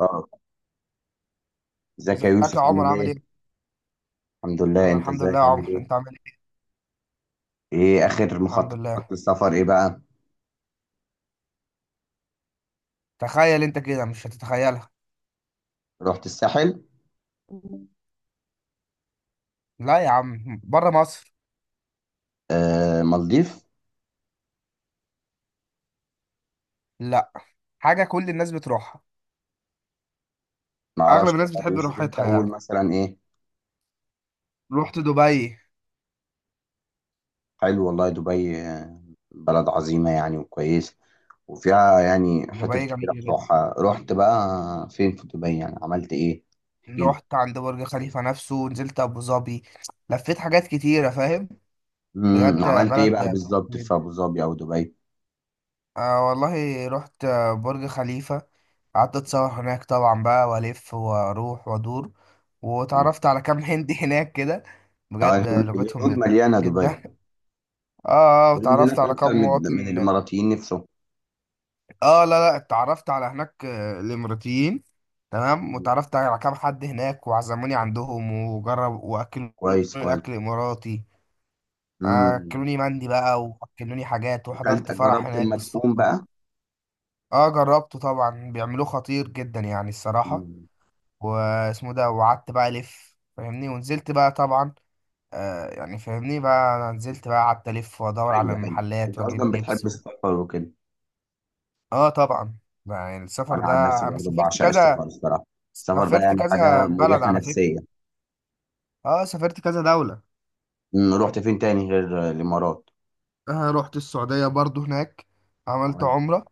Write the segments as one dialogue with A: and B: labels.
A: اه ازيك يا
B: ازيك
A: يوسف
B: يا عمر
A: عامل
B: عامل
A: ايه؟
B: ايه؟
A: الحمد لله،
B: انا
A: انت
B: الحمد لله
A: ازيك
B: يا
A: عامل
B: عمر
A: ايه؟
B: انت عامل ايه؟
A: ايه اخر
B: الحمد
A: مخططات
B: لله.
A: للسفر، ايه بقى؟
B: تخيل انت كده مش هتتخيلها.
A: رحت الساحل؟
B: لا يا عم بره مصر.
A: آه، مالديف؟
B: لا، حاجة كل الناس بتروحها.
A: ما
B: اغلب
A: اعرفش
B: الناس
A: والله يا
B: بتحب
A: يوسف، انت
B: روحتها
A: قول
B: يعني.
A: مثلا ايه؟
B: رحت دبي.
A: حلو والله، دبي. بلد عظيمة يعني وكويسة، وفيها يعني حتت
B: دبي
A: كتيرة
B: جميلة جدا.
A: بتروحها. رحت بقى فين في دبي؟ يعني عملت ايه؟ احكي لي.
B: رحت عند برج خليفة نفسه، نزلت ابو ظبي، لفيت حاجات كتيرة فاهم. بجد
A: عملت ايه
B: بلد
A: بقى بالظبط
B: تحفة.
A: في ابو ظبي او دبي؟
B: آه والله رحت برج خليفة، قعدت اتصور هناك طبعا بقى والف واروح وادور،
A: مم.
B: واتعرفت على كام هندي هناك كده.
A: آه،
B: بجد
A: الهنود
B: لغتهم
A: مليانة
B: جدا
A: دبي.
B: اه
A: الهنود
B: واتعرفت
A: هناك
B: على كام
A: اكتر من
B: مواطن.
A: الاماراتيين نفسهم.
B: اه لا اتعرفت على هناك الاماراتيين. تمام،
A: مم.
B: واتعرفت على كام حد هناك وعزموني عندهم وجرب واكلوني
A: كويس كويس.
B: اكل اماراتي.
A: امم.
B: اكلوني مندي بقى واكلوني حاجات، وحضرت
A: اكلت؟
B: فرح
A: جربت
B: هناك
A: المدفون
B: بالصدفة.
A: بقى؟
B: اه جربته طبعا، بيعملوه خطير جدا يعني الصراحة.
A: امم.
B: واسمه ده. وقعدت بقى الف فاهمني، ونزلت بقى طبعا. آه يعني فاهمني بقى، انا نزلت بقى قعدت الف وادور على
A: حلو حلو.
B: المحلات
A: انت اصلا
B: واجيب لبس
A: بتحب
B: و...
A: السفر وكده.
B: اه طبعا. يعني السفر
A: انا
B: ده،
A: عن نفسي
B: انا
A: برضو
B: سافرت
A: بعشق السفر
B: كذا،
A: الصراحه. السفر ده
B: سافرت
A: يعني
B: كذا
A: حاجه
B: بلد
A: مريحه
B: على فكرة.
A: نفسيه.
B: اه سافرت كذا دولة.
A: رحت فين تاني غير الامارات؟
B: آه رحت السعودية برضو هناك، عملت
A: عملت.
B: عمرة.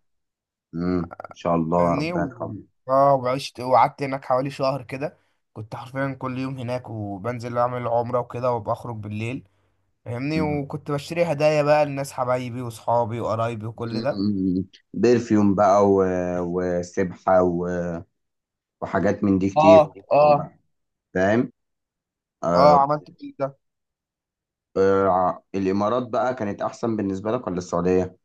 A: امم. ان شاء الله
B: فاهمني
A: ربنا يرحمه.
B: اه وعشت وقعدت هناك حوالي شهر كده. كنت حرفيا كل يوم هناك، وبنزل اعمل عمرة وكده وبخرج بالليل. فاهمني،
A: مم.
B: وكنت بشتري هدايا بقى للناس حبايبي وصحابي وقرايبي وكل ده.
A: مم. برفيوم بقى، وسبحه، وحاجات من دي كتير.
B: اه
A: طبعا
B: اه
A: بقى. فاهم.
B: اه
A: آه...
B: عملت كل ده.
A: الامارات بقى كانت احسن بالنسبه لك ولا السعوديه؟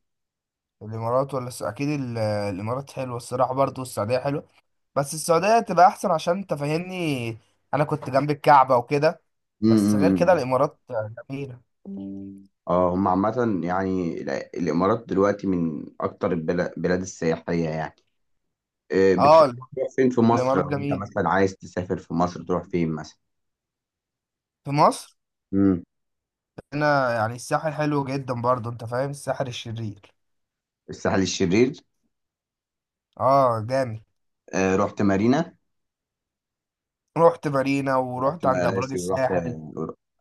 B: الامارات ولا اكيد الامارات حلوه الصراحه، برضه والسعوديه حلوه. بس السعوديه تبقى احسن، عشان انت فاهمني انا كنت جنب الكعبه وكده. بس غير كده
A: امم.
B: الامارات جميله.
A: اه، هم عامة يعني الإمارات دلوقتي من أكتر البلاد السياحية يعني.
B: اه
A: بتحب تروح فين في مصر؟
B: الامارات
A: لو أنت
B: جميله.
A: مثلا عايز تسافر في مصر تروح فين مثلا؟
B: في مصر
A: مم.
B: هنا يعني الساحل حلو جدا برضه، انت فاهم، الساحل الشرير.
A: الساحل الشرير.
B: اه جامد.
A: رحت مارينا
B: رحت مارينا
A: ورحت
B: ورحت عند ابراج
A: مراسي ورحت
B: الساحل.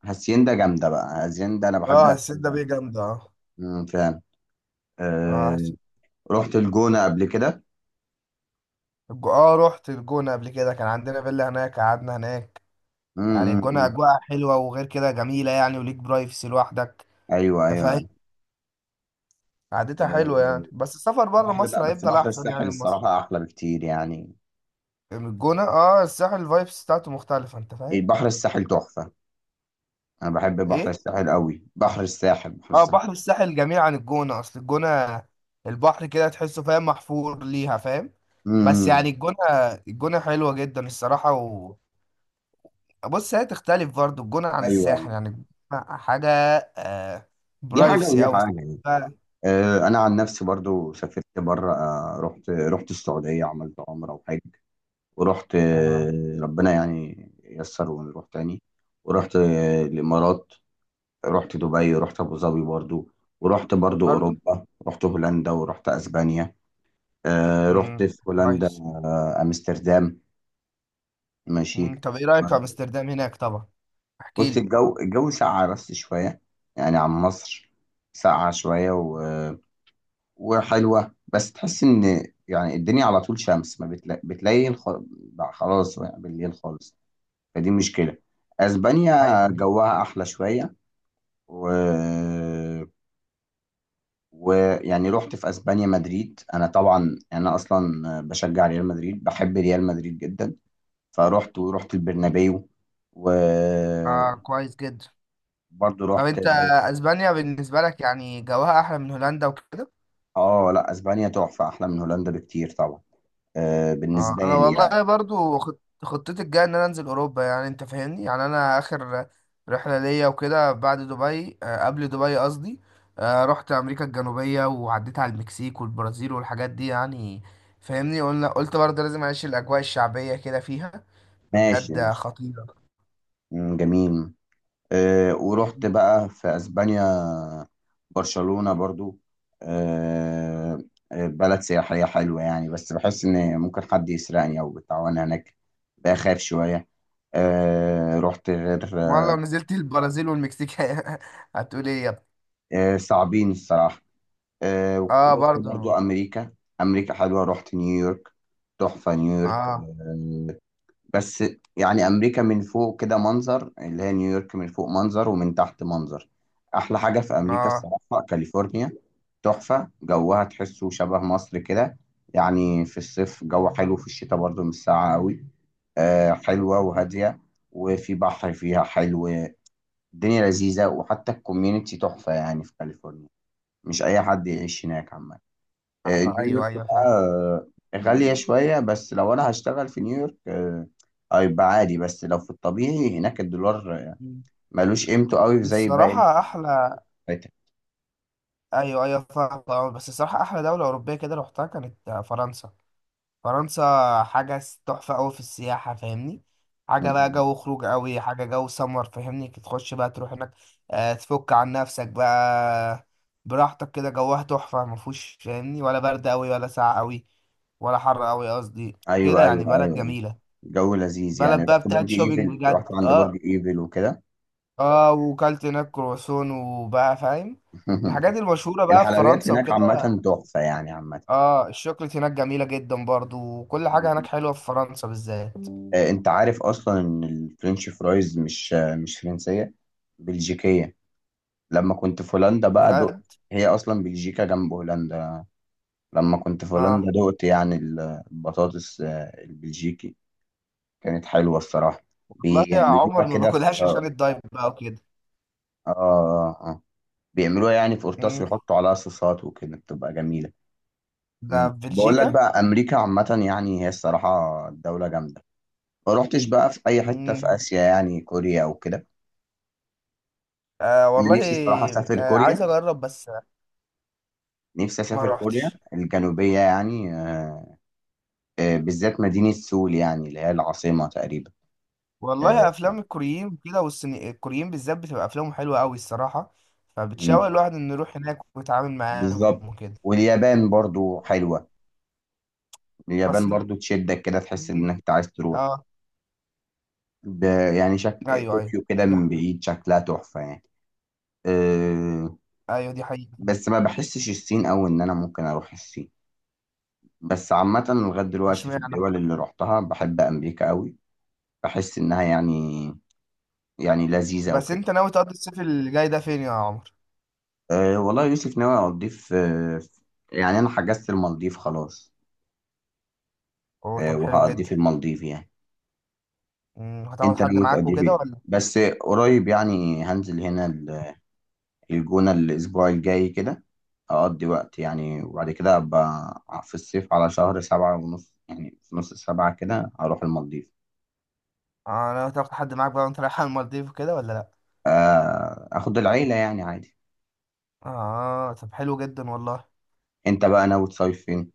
A: هاسيندا. جامدة بقى هاسيندا، أنا بحب
B: اه السيدة
A: هاسيندا.
B: بيه جامدة اه.
A: مم، فعلا.
B: اه
A: آه، رحت الجونة قبل كده.
B: اه رحت الجونة قبل كده، كان عندنا فيلا هناك قعدنا هناك.
A: مم،
B: يعني
A: مم،
B: الجونة
A: مم.
B: اجواء حلوة، وغير كده جميلة يعني، وليك برايفسي لوحدك،
A: أيوه أيوه
B: انت فاهم.
A: أيوة.
B: قعدتها حلوة
A: آه،
B: يعني، بس السفر بره
A: بحر
B: مصر
A: بقى، بس
B: هيفضل
A: بحر
B: احسن يعني
A: الساحل
B: من مصر.
A: الصراحة أحلى بكتير يعني.
B: من الجونة اه، الساحل الفايبس بتاعته مختلفة، انت فاهم.
A: البحر الساحل تحفة. انا بحب بحر
B: ايه،
A: الساحل قوي، بحر الساحل بحر
B: اه
A: الساحل.
B: بحر الساحل جميل عن الجونة. اصل الجونة البحر كده تحسه فاهم محفور ليها فاهم. بس
A: امم.
B: يعني الجونة، الجونة حلوة جدا الصراحة و... بص هي تختلف برضه الجونة عن
A: ايوه،
B: الساحل، يعني الجونة حاجة. آه
A: دي حاجه ودي
B: برايفسي أوي.
A: حاجه يعني. انا عن نفسي برضو سافرت بره، رحت السعوديه، عملت عمره وحج. ورحت،
B: آه
A: ربنا يعني يسر ونروح تاني. ورحت الامارات. رحت دبي ورحت ابو ظبي برضو. ورحت برضو
B: برضه.
A: اوروبا، رحت هولندا ورحت اسبانيا. رحت
B: مم،
A: في هولندا،
B: كويس.
A: امستردام. ماشي.
B: مم، طب ايه رأيك في امستردام هناك طبعا، احكي
A: بص،
B: لي.
A: الجو ساقع بس شوية يعني عن مصر. ساقعة شوية وحلوة، بس تحس إن يعني الدنيا على طول شمس، ما بتلاقي خلاص يعني بالليل خالص. فدي مشكلة. أسبانيا
B: ايوه ايوه،
A: جوها أحلى شوية و... ويعني رحت في أسبانيا مدريد. أنا طبعا أنا أصلا بشجع ريال مدريد، بحب ريال مدريد جدا. فرحت ورحت البرنابيو.
B: اه
A: وبرضه
B: كويس جدا. طب
A: رحت.
B: انت اسبانيا بالنسبة لك يعني جواها احلى من هولندا وكده؟
A: اه لا، اسبانيا تحفه، احلى من هولندا بكتير طبعا. آه،
B: اه
A: بالنسبه
B: انا
A: لي
B: والله
A: يعني.
B: برضو خطتي الجايه ان انا انزل اوروبا يعني، انت فاهمني يعني انا اخر رحله ليا وكده بعد دبي، قبل دبي قصدي. رحت امريكا الجنوبيه وعديت على المكسيك والبرازيل والحاجات دي يعني. فاهمني، قلنا قلت برضه لازم اعيش الاجواء الشعبيه كده فيها
A: ماشي
B: بجد
A: ماشي.
B: خطيره.
A: مم، جميل. ورحت بقى في اسبانيا، برشلونه برضو. آه. بلد سياحيه حلوه يعني، بس بحس ان ممكن حد يسرقني او بتاع وانا هناك، بخاف شويه. رحت غير.
B: والله لو نزلت البرازيل والمكسيك هتقول ايه يا ابني.
A: آه، صعبين الصراحه.
B: اه
A: ورحت برضو
B: برضو.
A: امريكا. امريكا حلوه، رحت نيويورك. تحفه نيويورك
B: اه
A: آه بس يعني امريكا من فوق كده منظر، اللي هي نيويورك من فوق منظر ومن تحت منظر. احلى حاجه في امريكا
B: اه,
A: الصراحه كاليفورنيا. تحفه جوها، تحسه شبه مصر كده، يعني في الصيف جو حلو، في الشتاء برضو مش ساقعه قوي. آه، حلوه وهاديه، وفي بحر فيها حلو. الدنيا لذيذه، وحتى الكوميونتي تحفه يعني في كاليفورنيا. مش اي حد يعيش هناك عامه.
B: آه
A: نيويورك
B: ايوه ايوه
A: بقى
B: فاهم.
A: غالية شوية، بس لو أنا هشتغل في نيويورك، هيبقى عادي. بس لو في الطبيعي هناك الدولار، ملوش قيمته قوي زي باقي
B: الصراحة أحلى.
A: الفاتح.
B: ايوه ايوه فاهم أه، بس الصراحه احلى دوله اوروبيه كده روحتها كانت فرنسا. فرنسا حاجه تحفه قوي في السياحه فاهمني. حاجه بقى جو خروج قوي، حاجه جو سمر، فاهمني، تخش بقى تروح هناك، تفك عن نفسك بقى براحتك كده. جوها تحفه، ما فيهوش فاهمني ولا برد قوي ولا ساقع قوي ولا حر قوي قصدي. كده
A: أيوه
B: يعني
A: أيوه
B: بلد
A: أيوه.
B: جميله.
A: جو لذيذ يعني،
B: بلد بقى
A: رحت
B: بتاعت
A: برج
B: شوبينج
A: إيفل، رحت
B: بجد
A: عند برج
B: اه.
A: إيفل وكده.
B: اه وكلت هناك كرواسون وبقى فاهم الحاجات المشهورة بقى في
A: الحلويات
B: فرنسا
A: هناك
B: وكده.
A: عامة تحفة يعني، عامة.
B: اه الشوكليت هناك جميلة جدا برضو، وكل حاجة هناك
A: مم.
B: حلوة في فرنسا بالذات.
A: أنت عارف أصلا إن الفرنش فرايز مش فرنسية، بلجيكية. لما كنت في هولندا بقى دقت.
B: بجد.
A: هي أصلا بلجيكا جنب هولندا. لما كنت في هولندا
B: اه
A: دقت يعني البطاطس البلجيكي، كانت حلوة الصراحة.
B: والله يا
A: بيعملوها
B: عمر ما
A: كده في
B: باكلهاش عشان
A: آه,
B: الدايت بقى وكده.
A: آه, آه بيعملوها يعني في قرطاس
B: مم.
A: ويحطوا عليها صوصات وكده، بتبقى جميلة.
B: ده
A: مم.
B: في
A: بقول لك
B: بلجيكا.
A: بقى، أمريكا عامة يعني هي الصراحة دولة جامدة. ما روحتش بقى في أي حتة في
B: مم.
A: آسيا يعني كوريا أو كده.
B: آه
A: أنا
B: والله.
A: نفسي الصراحة أسافر
B: آه عايز
A: كوريا،
B: اجرب بس،
A: نفسي
B: ما
A: أسافر كوريا
B: روحتش.
A: الجنوبية يعني. بالذات مدينة سول يعني اللي هي العاصمة تقريبا. آه.
B: والله افلام الكوريين كده والصيني، الكوريين بالذات بتبقى افلامهم حلوة قوي الصراحة،
A: مم.
B: فبتشوق الواحد انه يروح هناك ويتعامل
A: بالظبط.
B: معاهم وكده.
A: واليابان برضو حلوة،
B: بس.
A: اليابان برضو تشدك كده، تحس
B: مم.
A: انك أنت عايز تروح.
B: اه.
A: ب... يعني شكل
B: ايوه ايوه
A: طوكيو كده
B: دي
A: من
B: حقيقة.
A: بعيد، شكلها تحفة يعني. أه...
B: ايوه دي حقيقة.
A: بس ما بحسش الصين، او ان انا ممكن اروح الصين. بس عامة لغاية دلوقتي في
B: اشمعنى؟
A: الدول اللي رحتها، بحب امريكا قوي. بحس انها يعني لذيذة او
B: بس
A: كده.
B: انت ناوي تقضي الصيف اللي جاي ده فين يا عمر؟
A: والله يا يوسف، ناوي اقضي في، يعني انا حجزت المالديف خلاص.
B: اوه طب حلو
A: وهقضي
B: جدا.
A: في المالديف يعني.
B: مم، هتاخد
A: انت
B: حد
A: ناوي
B: معاك
A: تقضي
B: وكده
A: فين؟
B: ولا؟
A: بس قريب يعني هنزل هنا الجونة الأسبوع الجاي كده، أقضي وقت يعني. وبعد كده أبقى في الصيف على شهر سبعة ونص، يعني في نص سبعة كده هروح المالديف.
B: اه ناوي تاخد حد معاك بقى وانت رايح على المالديف وكده ولا لا؟
A: أخد العيلة يعني عادي.
B: اه طب حلو جدا والله.
A: أنت بقى ناوي تصيف فين؟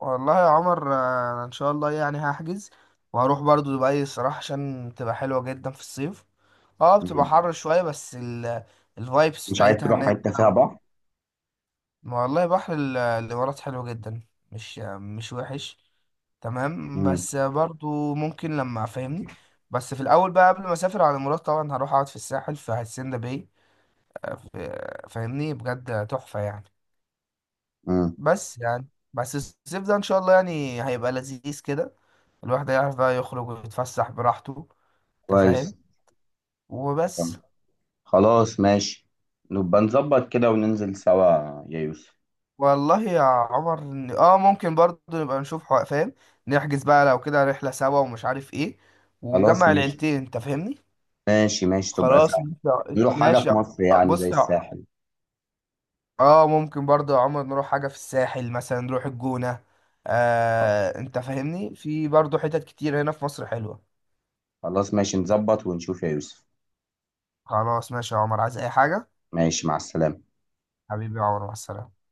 B: والله يا عمر انا ان شاء الله يعني هحجز وهروح برضو دبي الصراحة عشان تبقى حلوة جدا في الصيف. اه بتبقى
A: مم.
B: حر شوية، بس ال الفايبس
A: مش عايز
B: بتاعتها
A: تروح
B: هناك
A: حتة فيها
B: بقى و...
A: بحر؟
B: ما والله بحر الامارات حلو جدا، مش مش وحش، تمام.
A: مم.
B: بس برضو ممكن لما فاهمني، بس في الاول بقى قبل ما اسافر على مراد طبعا هروح اقعد في الساحل في هاسيندا باي. فاهمني بجد تحفة يعني.
A: مم.
B: بس يعني، بس الصيف ده ان شاء الله يعني هيبقى لذيذ كده، الواحد هيعرف بقى يخرج ويتفسح براحته، انت
A: كويس.
B: فاهم، وبس.
A: طب خلاص ماشي، نبقى نظبط كده وننزل سوا يا يوسف.
B: والله يا عمر اه ممكن برضو نبقى نشوف فاهم، نحجز بقى لو كده رحلة سوا ومش عارف ايه،
A: خلاص
B: ونجمع
A: ماشي.
B: العيلتين انت فاهمني.
A: ماشي ماشي، تبقى
B: خلاص
A: سهل.
B: ماشي
A: بيقولوا حاجة
B: ماشي
A: في
B: يا-.
A: مصر يعني زي
B: بص
A: الساحل.
B: اه ممكن برضه يا عمر نروح حاجة في الساحل، مثلا نروح الجونة. آه انت فاهمني في برضه حتت كتير هنا في مصر حلوة.
A: خلاص ماشي، نظبط ونشوف يا يوسف.
B: خلاص ماشي يا عمر، عايز اي حاجة.
A: ماشي، مع السلامة.
B: حبيبي يا عمر مع السلامة.